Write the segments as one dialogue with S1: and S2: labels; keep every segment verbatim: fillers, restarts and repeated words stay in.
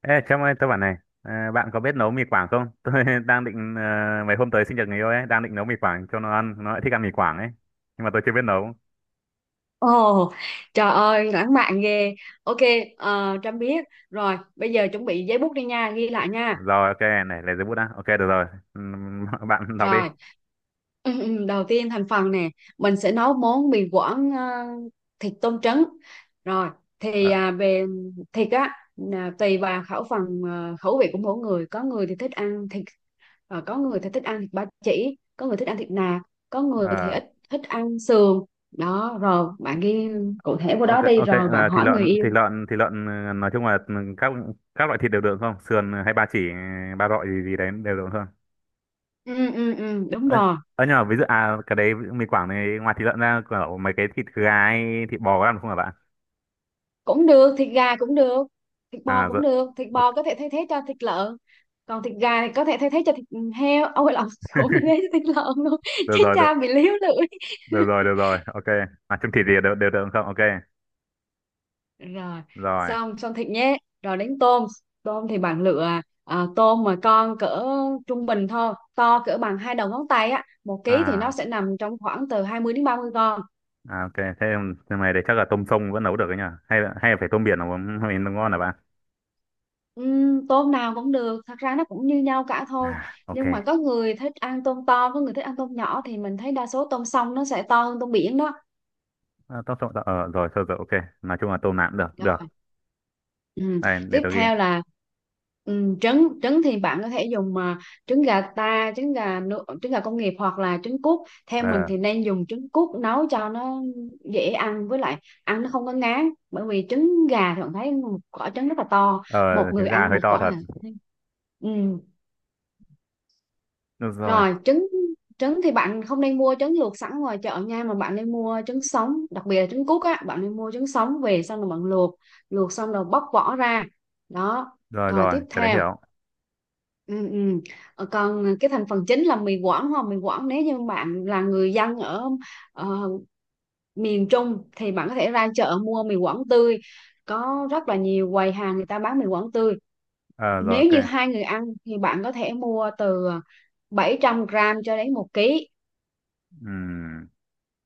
S1: Ê, Trâm ơi, tôi bảo này, à, bạn có biết nấu mì Quảng không? Tôi đang định, à, mấy hôm tới sinh nhật người yêu ấy, đang định nấu mì Quảng cho nó ăn, nó lại thích ăn mì Quảng ấy. Nhưng mà tôi chưa biết nấu.
S2: Ồ, trời ơi, lãng mạn ghê. Ok, ờ, Trâm biết. Rồi, bây giờ chuẩn bị giấy bút đi nha, ghi lại nha.
S1: Rồi, ok, này, lấy giấy bút đã. Ok, được rồi. Ừm, bạn đọc đi.
S2: Rồi, ừ, ừ, đầu tiên thành phần nè, mình sẽ nấu món mì Quảng ờ, thịt tôm trứng. Rồi,
S1: Ờ,
S2: thì à, về thịt á, là tùy vào khẩu phần ờ, khẩu vị của mỗi người. Có người thì thích ăn thịt, ờ, có người thì thích ăn thịt ba chỉ, có người thích ăn thịt nạc, có người thì
S1: ờ,
S2: ít thích ăn sườn. Đó, rồi bạn ghi cụ thể vô
S1: ok,
S2: đó đi,
S1: ok,
S2: rồi bạn
S1: ờ, thịt
S2: hỏi người
S1: lợn, thịt
S2: yêu.
S1: lợn, thịt lợn, ờ, nói chung là các các loại thịt đều được không? Sườn hay ba chỉ, ba rọi gì gì đấy đều được không?
S2: Ừ ừ ừ đúng
S1: Ơ,
S2: rồi,
S1: ờ, nhưng mà ví dụ, à, cái đấy mì Quảng này, ngoài thịt lợn ra, kiểu mấy cái thịt gà hay thịt bò có ăn không hả bạn?
S2: cũng được, thịt gà cũng được, thịt bò
S1: À,
S2: cũng
S1: rồi,
S2: được, thịt bò có thể thay thế cho thịt lợn, còn thịt gà thì có thể thay thế cho thịt heo, ôi lộn, cũng thay thế cho thịt lợn luôn.
S1: được
S2: Chết
S1: rồi, được.
S2: cha bị líu lưỡi.
S1: Được rồi được rồi ok. À chung thịt gì đều đều được không ok.
S2: Rồi,
S1: Rồi
S2: xong xong thịt nhé, rồi đến tôm. Tôm thì bạn lựa à, tôm mà con cỡ trung bình thôi, to cỡ bằng hai đầu ngón tay á, một ký thì nó
S1: à,
S2: sẽ nằm trong khoảng từ hai mươi đến ba mươi con.
S1: à ok. Thế nhưng này thì chắc là tôm sông vẫn nấu được đấy nhỉ, hay là hay là phải tôm biển nó mới nó ngon là bạn?
S2: Ừm, tôm nào cũng được, thật ra nó cũng như nhau cả thôi,
S1: À ok
S2: nhưng mà có người thích ăn tôm to, có người thích ăn tôm nhỏ, thì mình thấy đa số tôm sông nó sẽ to hơn tôm biển đó.
S1: à, tôm sông ờ rồi thôi rồi ok, nói chung là tôm nạm được
S2: Rồi.
S1: được.
S2: Ừm,
S1: Đây để
S2: Tiếp
S1: tôi ghi.
S2: theo là ừm, trứng. Trứng thì bạn có thể dùng mà trứng gà ta, trứng gà nu- trứng gà công nghiệp hoặc là trứng cút. Theo mình
S1: Ờ
S2: thì nên dùng trứng cút nấu cho nó dễ ăn, với lại ăn nó không có ngán, bởi vì trứng gà thì bạn thấy một quả trứng rất là to,
S1: ờ,
S2: một
S1: trứng
S2: người
S1: gà
S2: ăn
S1: hơi
S2: một
S1: to
S2: quả
S1: thật.
S2: à. Ừ.
S1: Được rồi.
S2: Rồi trứng, trứng thì bạn không nên mua trứng luộc sẵn ngoài chợ nha, mà bạn nên mua trứng sống, đặc biệt là trứng cút á, bạn nên mua trứng sống về xong rồi bạn luộc, luộc xong rồi bóc vỏ ra. Đó.
S1: Rồi
S2: Rồi
S1: rồi
S2: tiếp
S1: cái đấy
S2: theo.
S1: hiểu.
S2: Ừ, ừ. Ờ, Còn cái thành phần chính là mì Quảng đúng không? Mì Quảng nếu như bạn là người dân ở ờ, miền Trung thì bạn có thể ra chợ mua mì Quảng tươi. Có rất là nhiều quầy hàng người ta bán mì Quảng tươi.
S1: Ờ rồi
S2: Nếu
S1: ok.
S2: như hai người ăn thì bạn có thể mua từ bảy trăm gram cho đến một ký.
S1: Ừm,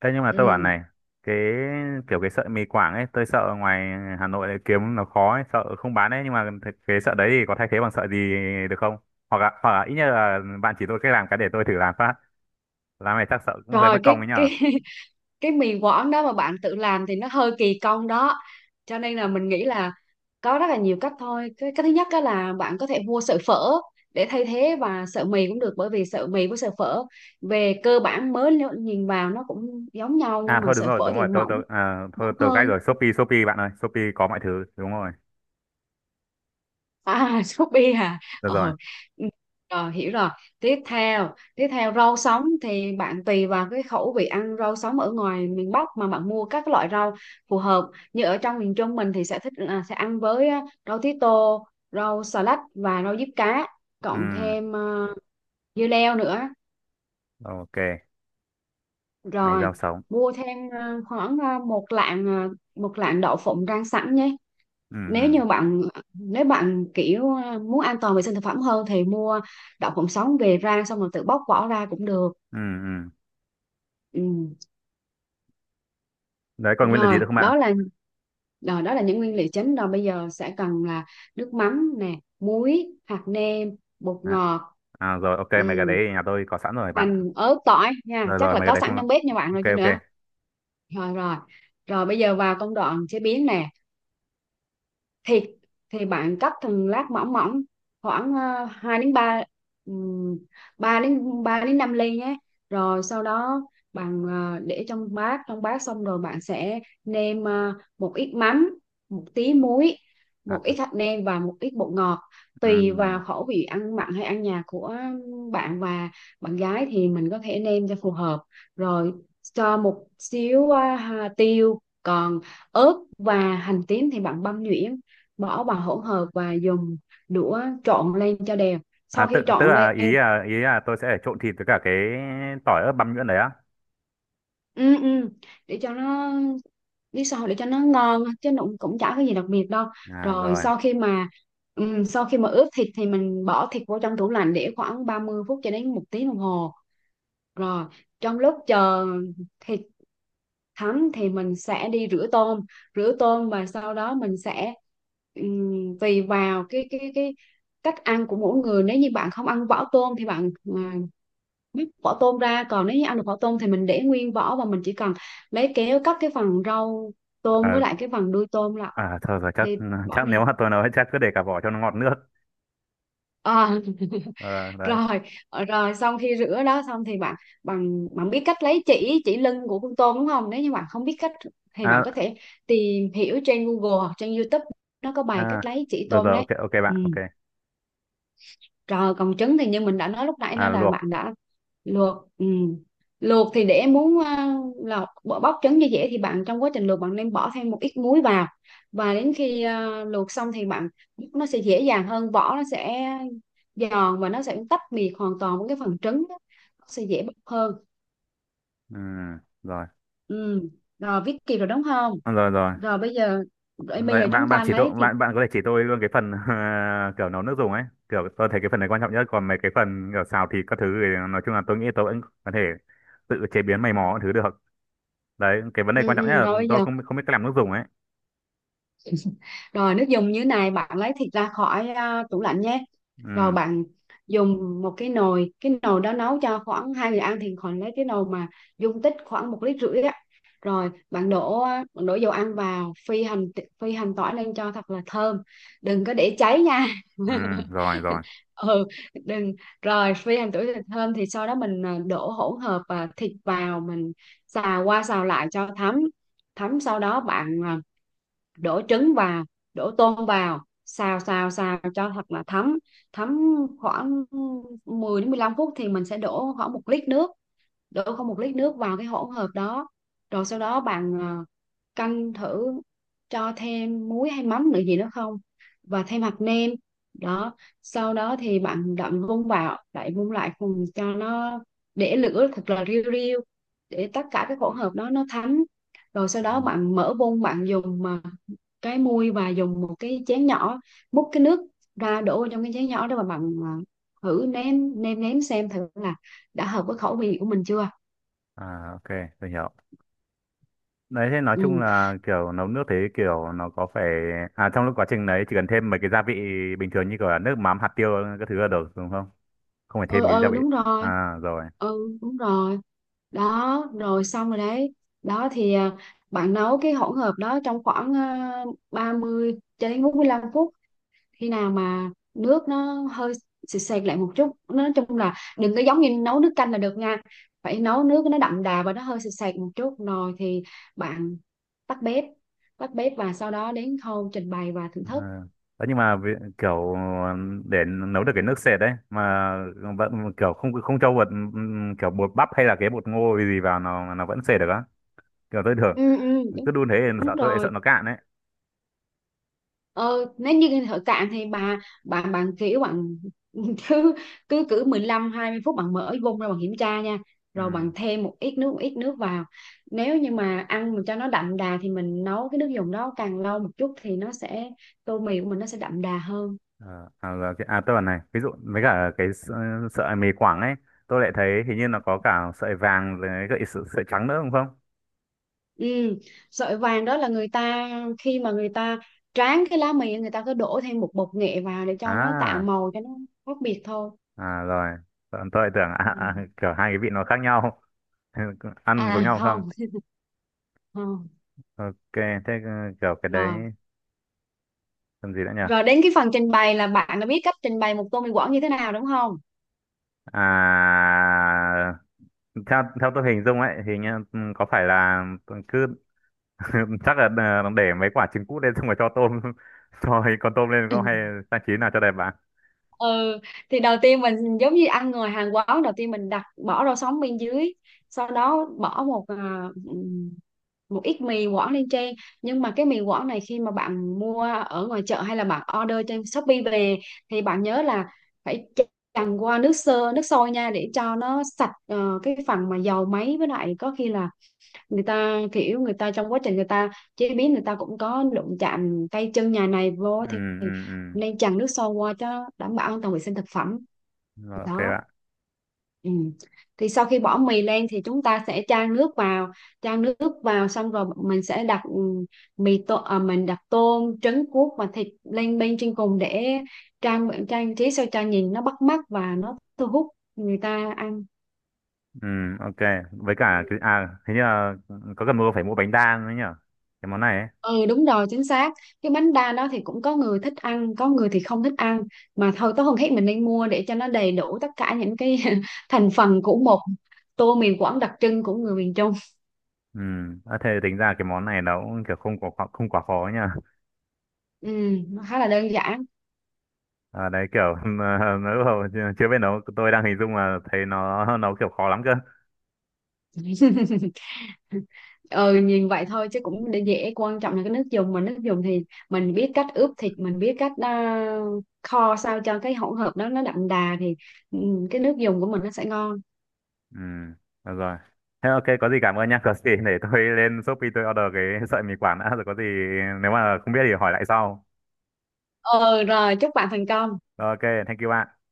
S1: thế nhưng mà tôi bảo
S2: Ừ.
S1: này, cái kiểu cái sợi mì Quảng ấy, tôi sợ ngoài Hà Nội lại kiếm nó khó ấy, sợ không bán ấy, nhưng mà th- cái sợi đấy thì có thay thế bằng sợi gì được không? Hoặc là, hoặc là ít nhất là bạn chỉ tôi cách làm cái để tôi thử làm phát. Làm này chắc sợ cũng hơi
S2: Rồi
S1: mất
S2: cái
S1: công ấy nhở.
S2: cái cái mì Quảng đó mà bạn tự làm thì nó hơi kỳ công đó. Cho nên là mình nghĩ là có rất là nhiều cách thôi. Cái, cái thứ nhất đó là bạn có thể mua sợi phở để thay thế, và sợi mì cũng được, bởi vì sợi mì với sợi phở về cơ bản mới nếu nhìn vào nó cũng giống nhau, nhưng
S1: À
S2: mà
S1: thôi đúng
S2: sợi
S1: rồi,
S2: phở
S1: đúng
S2: thì
S1: rồi, tôi
S2: mỏng
S1: tôi à, thôi
S2: mỏng
S1: tôi cách
S2: hơn.
S1: rồi, Shopee Shopee bạn ơi, Shopee có mọi thứ, đúng rồi.
S2: À, Shopee à.
S1: Được rồi.
S2: Ờ. ừ, Rồi, hiểu rồi. Tiếp theo, tiếp theo rau sống thì bạn tùy vào cái khẩu vị ăn rau sống ở ngoài miền Bắc mà bạn mua các loại rau phù hợp. Như ở trong miền Trung mình thì sẽ thích là sẽ ăn với à, rau tía tô, rau xà lách và rau diếp cá, cộng
S1: Ừ,
S2: thêm à, dưa leo nữa.
S1: ok, mày
S2: Rồi,
S1: rau sống.
S2: mua thêm à, khoảng à, một lạng à, một lạng đậu phộng rang sẵn nhé.
S1: Ừ
S2: Nếu
S1: ừ
S2: như bạn nếu bạn kiểu ờ, muốn an toàn vệ sinh thực phẩm hơn thì mua đậu phộng sống về rang xong rồi tự bóc vỏ ra cũng được.
S1: ừ ừ.
S2: Ừ.
S1: Đấy còn nguyên là gì
S2: rồi
S1: nữa không bạn?
S2: đó là Rồi đó là những nguyên liệu chính. Rồi bây giờ sẽ cần là nước mắm nè, muối, hạt nêm, bột
S1: Đó.
S2: ngọt.
S1: À, rồi ok mấy cái
S2: Ừ.
S1: đấy nhà tôi có sẵn rồi bạn ạ.
S2: Hành, ớt, tỏi nha,
S1: Rồi
S2: chắc
S1: rồi
S2: là
S1: mày cái
S2: có
S1: đấy
S2: sẵn
S1: không lo.
S2: trong bếp nha bạn,
S1: Ok
S2: rồi chứ nữa.
S1: ok
S2: Rồi rồi, rồi bây giờ vào công đoạn chế biến nè, thì thì bạn cắt thành lát mỏng mỏng khoảng uh, hai đến ba, ba đến ba đến năm ly nhé. Rồi sau đó bạn ờ, để trong bát, trong bát xong rồi bạn sẽ nêm ờ, một ít mắm, một tí muối,
S1: à,
S2: một ít
S1: à,
S2: hạt nêm và một ít bột ngọt, tùy
S1: ừm.
S2: vào khẩu vị ăn mặn hay ăn nhạt của bạn và bạn gái thì mình có thể nêm cho phù hợp. Rồi cho một xíu ờ, hà- tiêu. Còn ớt và hành tím thì bạn băm nhuyễn, bỏ vào hỗn hợp và dùng đũa trộn lên cho đều.
S1: À
S2: Sau
S1: tức
S2: khi
S1: tức
S2: trộn
S1: là
S2: lên,
S1: ý là ý là tôi sẽ trộn thịt với cả cái tỏi ớt băm nhuyễn đấy á.
S2: ừ, ừ, để cho nó biết sao, để cho nó ngon chứ nó cũng cũng chả có gì đặc biệt đâu.
S1: À
S2: rồi
S1: rồi.
S2: sau khi mà ừ, sau khi mà ướp thịt thì mình bỏ thịt vô trong tủ lạnh để khoảng ba mươi phút cho đến một tiếng đồng hồ. Rồi trong lúc chờ thịt thấm thì mình sẽ đi rửa tôm, rửa tôm, và sau đó mình sẽ ừm, tùy vào cái cái cái cách ăn của mỗi người, nếu như bạn không ăn vỏ tôm thì bạn à, bóc vỏ tôm ra, còn nếu như ăn được vỏ tôm thì mình để nguyên vỏ và mình chỉ cần lấy kéo cắt cái phần rau tôm
S1: À,
S2: với lại cái phần đuôi tôm là
S1: à thôi rồi chắc
S2: đi, bỏ
S1: chắc
S2: đi.
S1: nếu mà tôi nói chắc cứ để cả vỏ cho nó ngọt nước.
S2: à,
S1: Ờ, đấy.
S2: Rồi rồi, xong khi rửa đó xong thì bạn, bạn bạn biết cách lấy chỉ chỉ lưng của con tôm đúng không? Nếu như bạn không biết cách thì bạn
S1: À
S2: có thể tìm hiểu trên Google hoặc trên YouTube, nó có bài
S1: à
S2: cách lấy chỉ
S1: rồi
S2: tôm
S1: rồi
S2: đấy.
S1: ok ok
S2: Ừ.
S1: bạn ok.
S2: Rồi còn trứng thì như mình đã nói lúc nãy
S1: À
S2: đó là
S1: luộc.
S2: bạn đã luộc. Ừ. Luộc thì để muốn à, là bỏ- bóc trứng cho dễ thì bạn, trong quá trình luộc bạn nên bỏ thêm một ít muối vào, và đến khi à, luộc xong thì bạn, nó sẽ dễ dàng hơn, vỏ nó sẽ giòn và nó sẽ tách biệt hoàn toàn với cái phần trứng đó. Nó sẽ dễ bóc hơn.
S1: Ừm, rồi.
S2: Ừ. Rồi viết kịp rồi đúng không?
S1: À, rồi rồi.
S2: Rồi bây giờ rồi bây giờ
S1: Vậy bạn
S2: chúng
S1: bạn
S2: ta
S1: chỉ tôi,
S2: lấy thịt.
S1: bạn bạn có thể chỉ tôi luôn cái phần kiểu nấu nước dùng ấy, kiểu tôi thấy cái phần này quan trọng nhất, còn mấy cái phần kiểu xào thịt các thứ thì nói chung là tôi nghĩ tôi vẫn có thể tự chế biến mày mò các thứ được. Đấy cái vấn đề
S2: Ừ,
S1: quan trọng nhất
S2: ừ,
S1: là
S2: rồi bây
S1: tôi
S2: giờ
S1: không không biết cách làm nước dùng ấy.
S2: Rồi nước dùng như này, bạn lấy thịt ra khỏi à, tủ lạnh nhé. Rồi
S1: Ừ
S2: bạn dùng một cái nồi, cái nồi đó nấu cho khoảng hai người ăn thì khoảng lấy cái nồi mà dung tích khoảng một lít rưỡi á. Rồi bạn đổ, bạn đổ dầu ăn vào, phi hành, phi hành tỏi lên cho thật là thơm, đừng có để cháy nha.
S1: ừ rồi rồi
S2: Ừ, đừng. Rồi phi hành tỏi thật thơm thì sau đó mình à, đổ hỗn hợp à, thịt vào, mình xào qua xào lại cho thấm, thấm sau đó bạn à, đổ trứng vào, đổ tôm vào xào xào xào cho thật là thấm, thấm khoảng mười đến mười lăm phút thì mình sẽ đổ khoảng một lít nước, đổ không một lít nước vào cái hỗn hợp đó. Rồi sau đó bạn ờ, canh thử cho thêm muối hay mắm nữa gì nữa không, và thêm hạt nêm. Đó, sau đó thì bạn đậm vung vào lại, vung lại cùng cho nó, để lửa thật là riu riu để tất cả cái hỗn hợp đó nó thấm. Rồi sau đó bạn mở bung, bạn dùng mà cái muôi và dùng một cái chén nhỏ múc cái nước ra đổ vào trong cái chén nhỏ đó và bạn à, thử nếm, nêm nếm xem thử là đã hợp với khẩu vị của mình chưa.
S1: à ok tôi hiểu. Đấy thế nói chung
S2: ừ
S1: là kiểu nấu nước thế, kiểu nó có phải à trong lúc quá trình đấy chỉ cần thêm mấy cái gia vị bình thường như kiểu là nước mắm hạt tiêu các thứ là được đúng không, không phải
S2: ừ
S1: thêm cái gia
S2: ừ
S1: vị.
S2: đúng rồi,
S1: À rồi.
S2: ừ đúng rồi. Đó rồi, xong rồi đấy. Đó thì à, bạn nấu cái hỗn hợp đó trong khoảng à, ba mươi cho đến bốn mươi lăm phút, khi nào mà nước nó hơi sệt sệt lại một chút, nói chung là đừng có giống như nấu nước canh là được nha, phải nấu nước nó đậm đà và nó hơi sệt sệt một chút, rồi thì bạn tắt bếp, tắt bếp và sau đó đến khâu trình bày và thưởng thức.
S1: À. Đấy, nhưng mà vì- kiểu để nấu được cái nước sệt đấy mà vẫn kiểu không không cho bột ừm, kiểu bột bắp hay là cái bột ngô gì vào nó nó vẫn sệt được á, kiểu tôi thường
S2: Ừ ừ
S1: cứ
S2: đúng,
S1: đun thế thì
S2: đúng
S1: sợ tôi sợ
S2: rồi.
S1: nó cạn đấy.
S2: Ờ, nếu như thợ cạn thì bà bạn, bạn kiểu bạn cứ cứ cứ mười lăm, hai mươi phút bạn mở vung ra bạn kiểm tra nha,
S1: Ừ.
S2: rồi bạn thêm một ít nước, một ít nước vào. Nếu như mà ăn mà cho nó đậm đà thì mình nấu cái nước dùng đó càng lâu một chút thì nó sẽ, tô mì của mình nó sẽ đậm đà hơn.
S1: Ờ, à, là cái, à tôi bảo này ví dụ với cả cái s- ờ, sợi mì Quảng ấy, tôi lại thấy hình như nó có cả sợi vàng với cả sợi, sợi trắng nữa đúng không?
S2: Ừ. Sợi vàng đó là người ta, khi mà người ta tráng cái lá mì, người ta cứ đổ thêm một bột nghệ vào để cho nó tạo
S1: À
S2: màu, cho nó khác biệt thôi.
S1: à rồi. Tôi, tôi lại tưởng
S2: Ừ.
S1: à, à, kiểu hai cái vị nó khác nhau ăn giống
S2: À
S1: nhau không?
S2: không, không.
S1: Ok thế ừ, kiểu cái đấy
S2: Rồi,
S1: làm gì nữa nhỉ.
S2: rồi đến cái phần trình bày là bạn đã biết cách trình bày một tô mì Quảng như thế nào đúng không?
S1: À theo theo tôi hình dung ấy thì nhá, ừ, có phải là tôi cứ chắc là ờ, để mấy quả trứng cút lên xong rồi cho tôm cho con tôm lên không, hay trang trí nào cho đẹp bạn?
S2: Ừ, thì đầu tiên mình giống như ăn người Hàn quán, đầu tiên mình đặt bỏ rau sống bên dưới, sau đó bỏ một à, ừm, một ít mì Quảng lên trên. Nhưng mà cái mì Quảng này khi mà bạn mua ở ngoài chợ hay là bạn order trên Shopee về thì bạn nhớ là phải chần qua nước sơ, nước sôi nha, để cho nó sạch ờ, cái phần mà dầu máy, với lại có khi là người ta kiểu, người ta trong quá trình người ta chế biến, người ta cũng có đụng chạm tay chân nhà này vô,
S1: Ừ
S2: thì
S1: ừ ừ.
S2: nên chần nước sôi qua cho đảm bảo an toàn vệ sinh thực phẩm.
S1: Rồi, ok
S2: Đó.
S1: bạn.
S2: Ừ. Thì sau khi bỏ mì lên thì chúng ta sẽ chan nước vào, chan nước vào xong rồi mình sẽ đặt ừ, mì tô à, mình đặt tôm, trứng cuốc và thịt lên bên trên cùng, để trang trang trí sao cho nhìn nó bắt mắt và nó thu hút người ta ăn.
S1: Ừ ok. Với cả cái à thế như là có cần mua phải mua bánh đa nữa nhở cái món này ấy.
S2: Ừ đúng rồi, chính xác. Cái bánh đa đó thì cũng có người thích ăn, có người thì không thích ăn, mà thôi có hôm khác mình nên mua để cho nó đầy đủ tất cả những cái thành phần của một tô miền Quảng đặc trưng của người miền Trung.
S1: Ừ. À, thế tính ra cái món này nó cũng kiểu không quá không quá khó nhở.
S2: Ừ, nó khá là đơn giản.
S1: À, đấy kiểu nó lúc đầu chưa chưa biết nấu tôi đang hình dung mà thấy nó nấu kiểu khó lắm cơ.
S2: Ừ nhìn vậy thôi chứ cũng để dễ. Quan trọng là cái nước dùng. Mà nước dùng thì mình biết cách ướp thịt, mình biết cách à, kho sao cho cái hỗn hợp đó nó đậm đà, thì ừ, cái nước dùng của mình nó sẽ ngon.
S1: Ừ. Được rồi. Thế ok có gì cảm ơn nha có gì để tôi lên Shopee tôi order cái sợi mì quảng đã rồi có gì nếu mà không biết thì hỏi lại sau.
S2: Ừ rồi, chúc bạn thành công.
S1: Rồi, ok. Thank you bạn.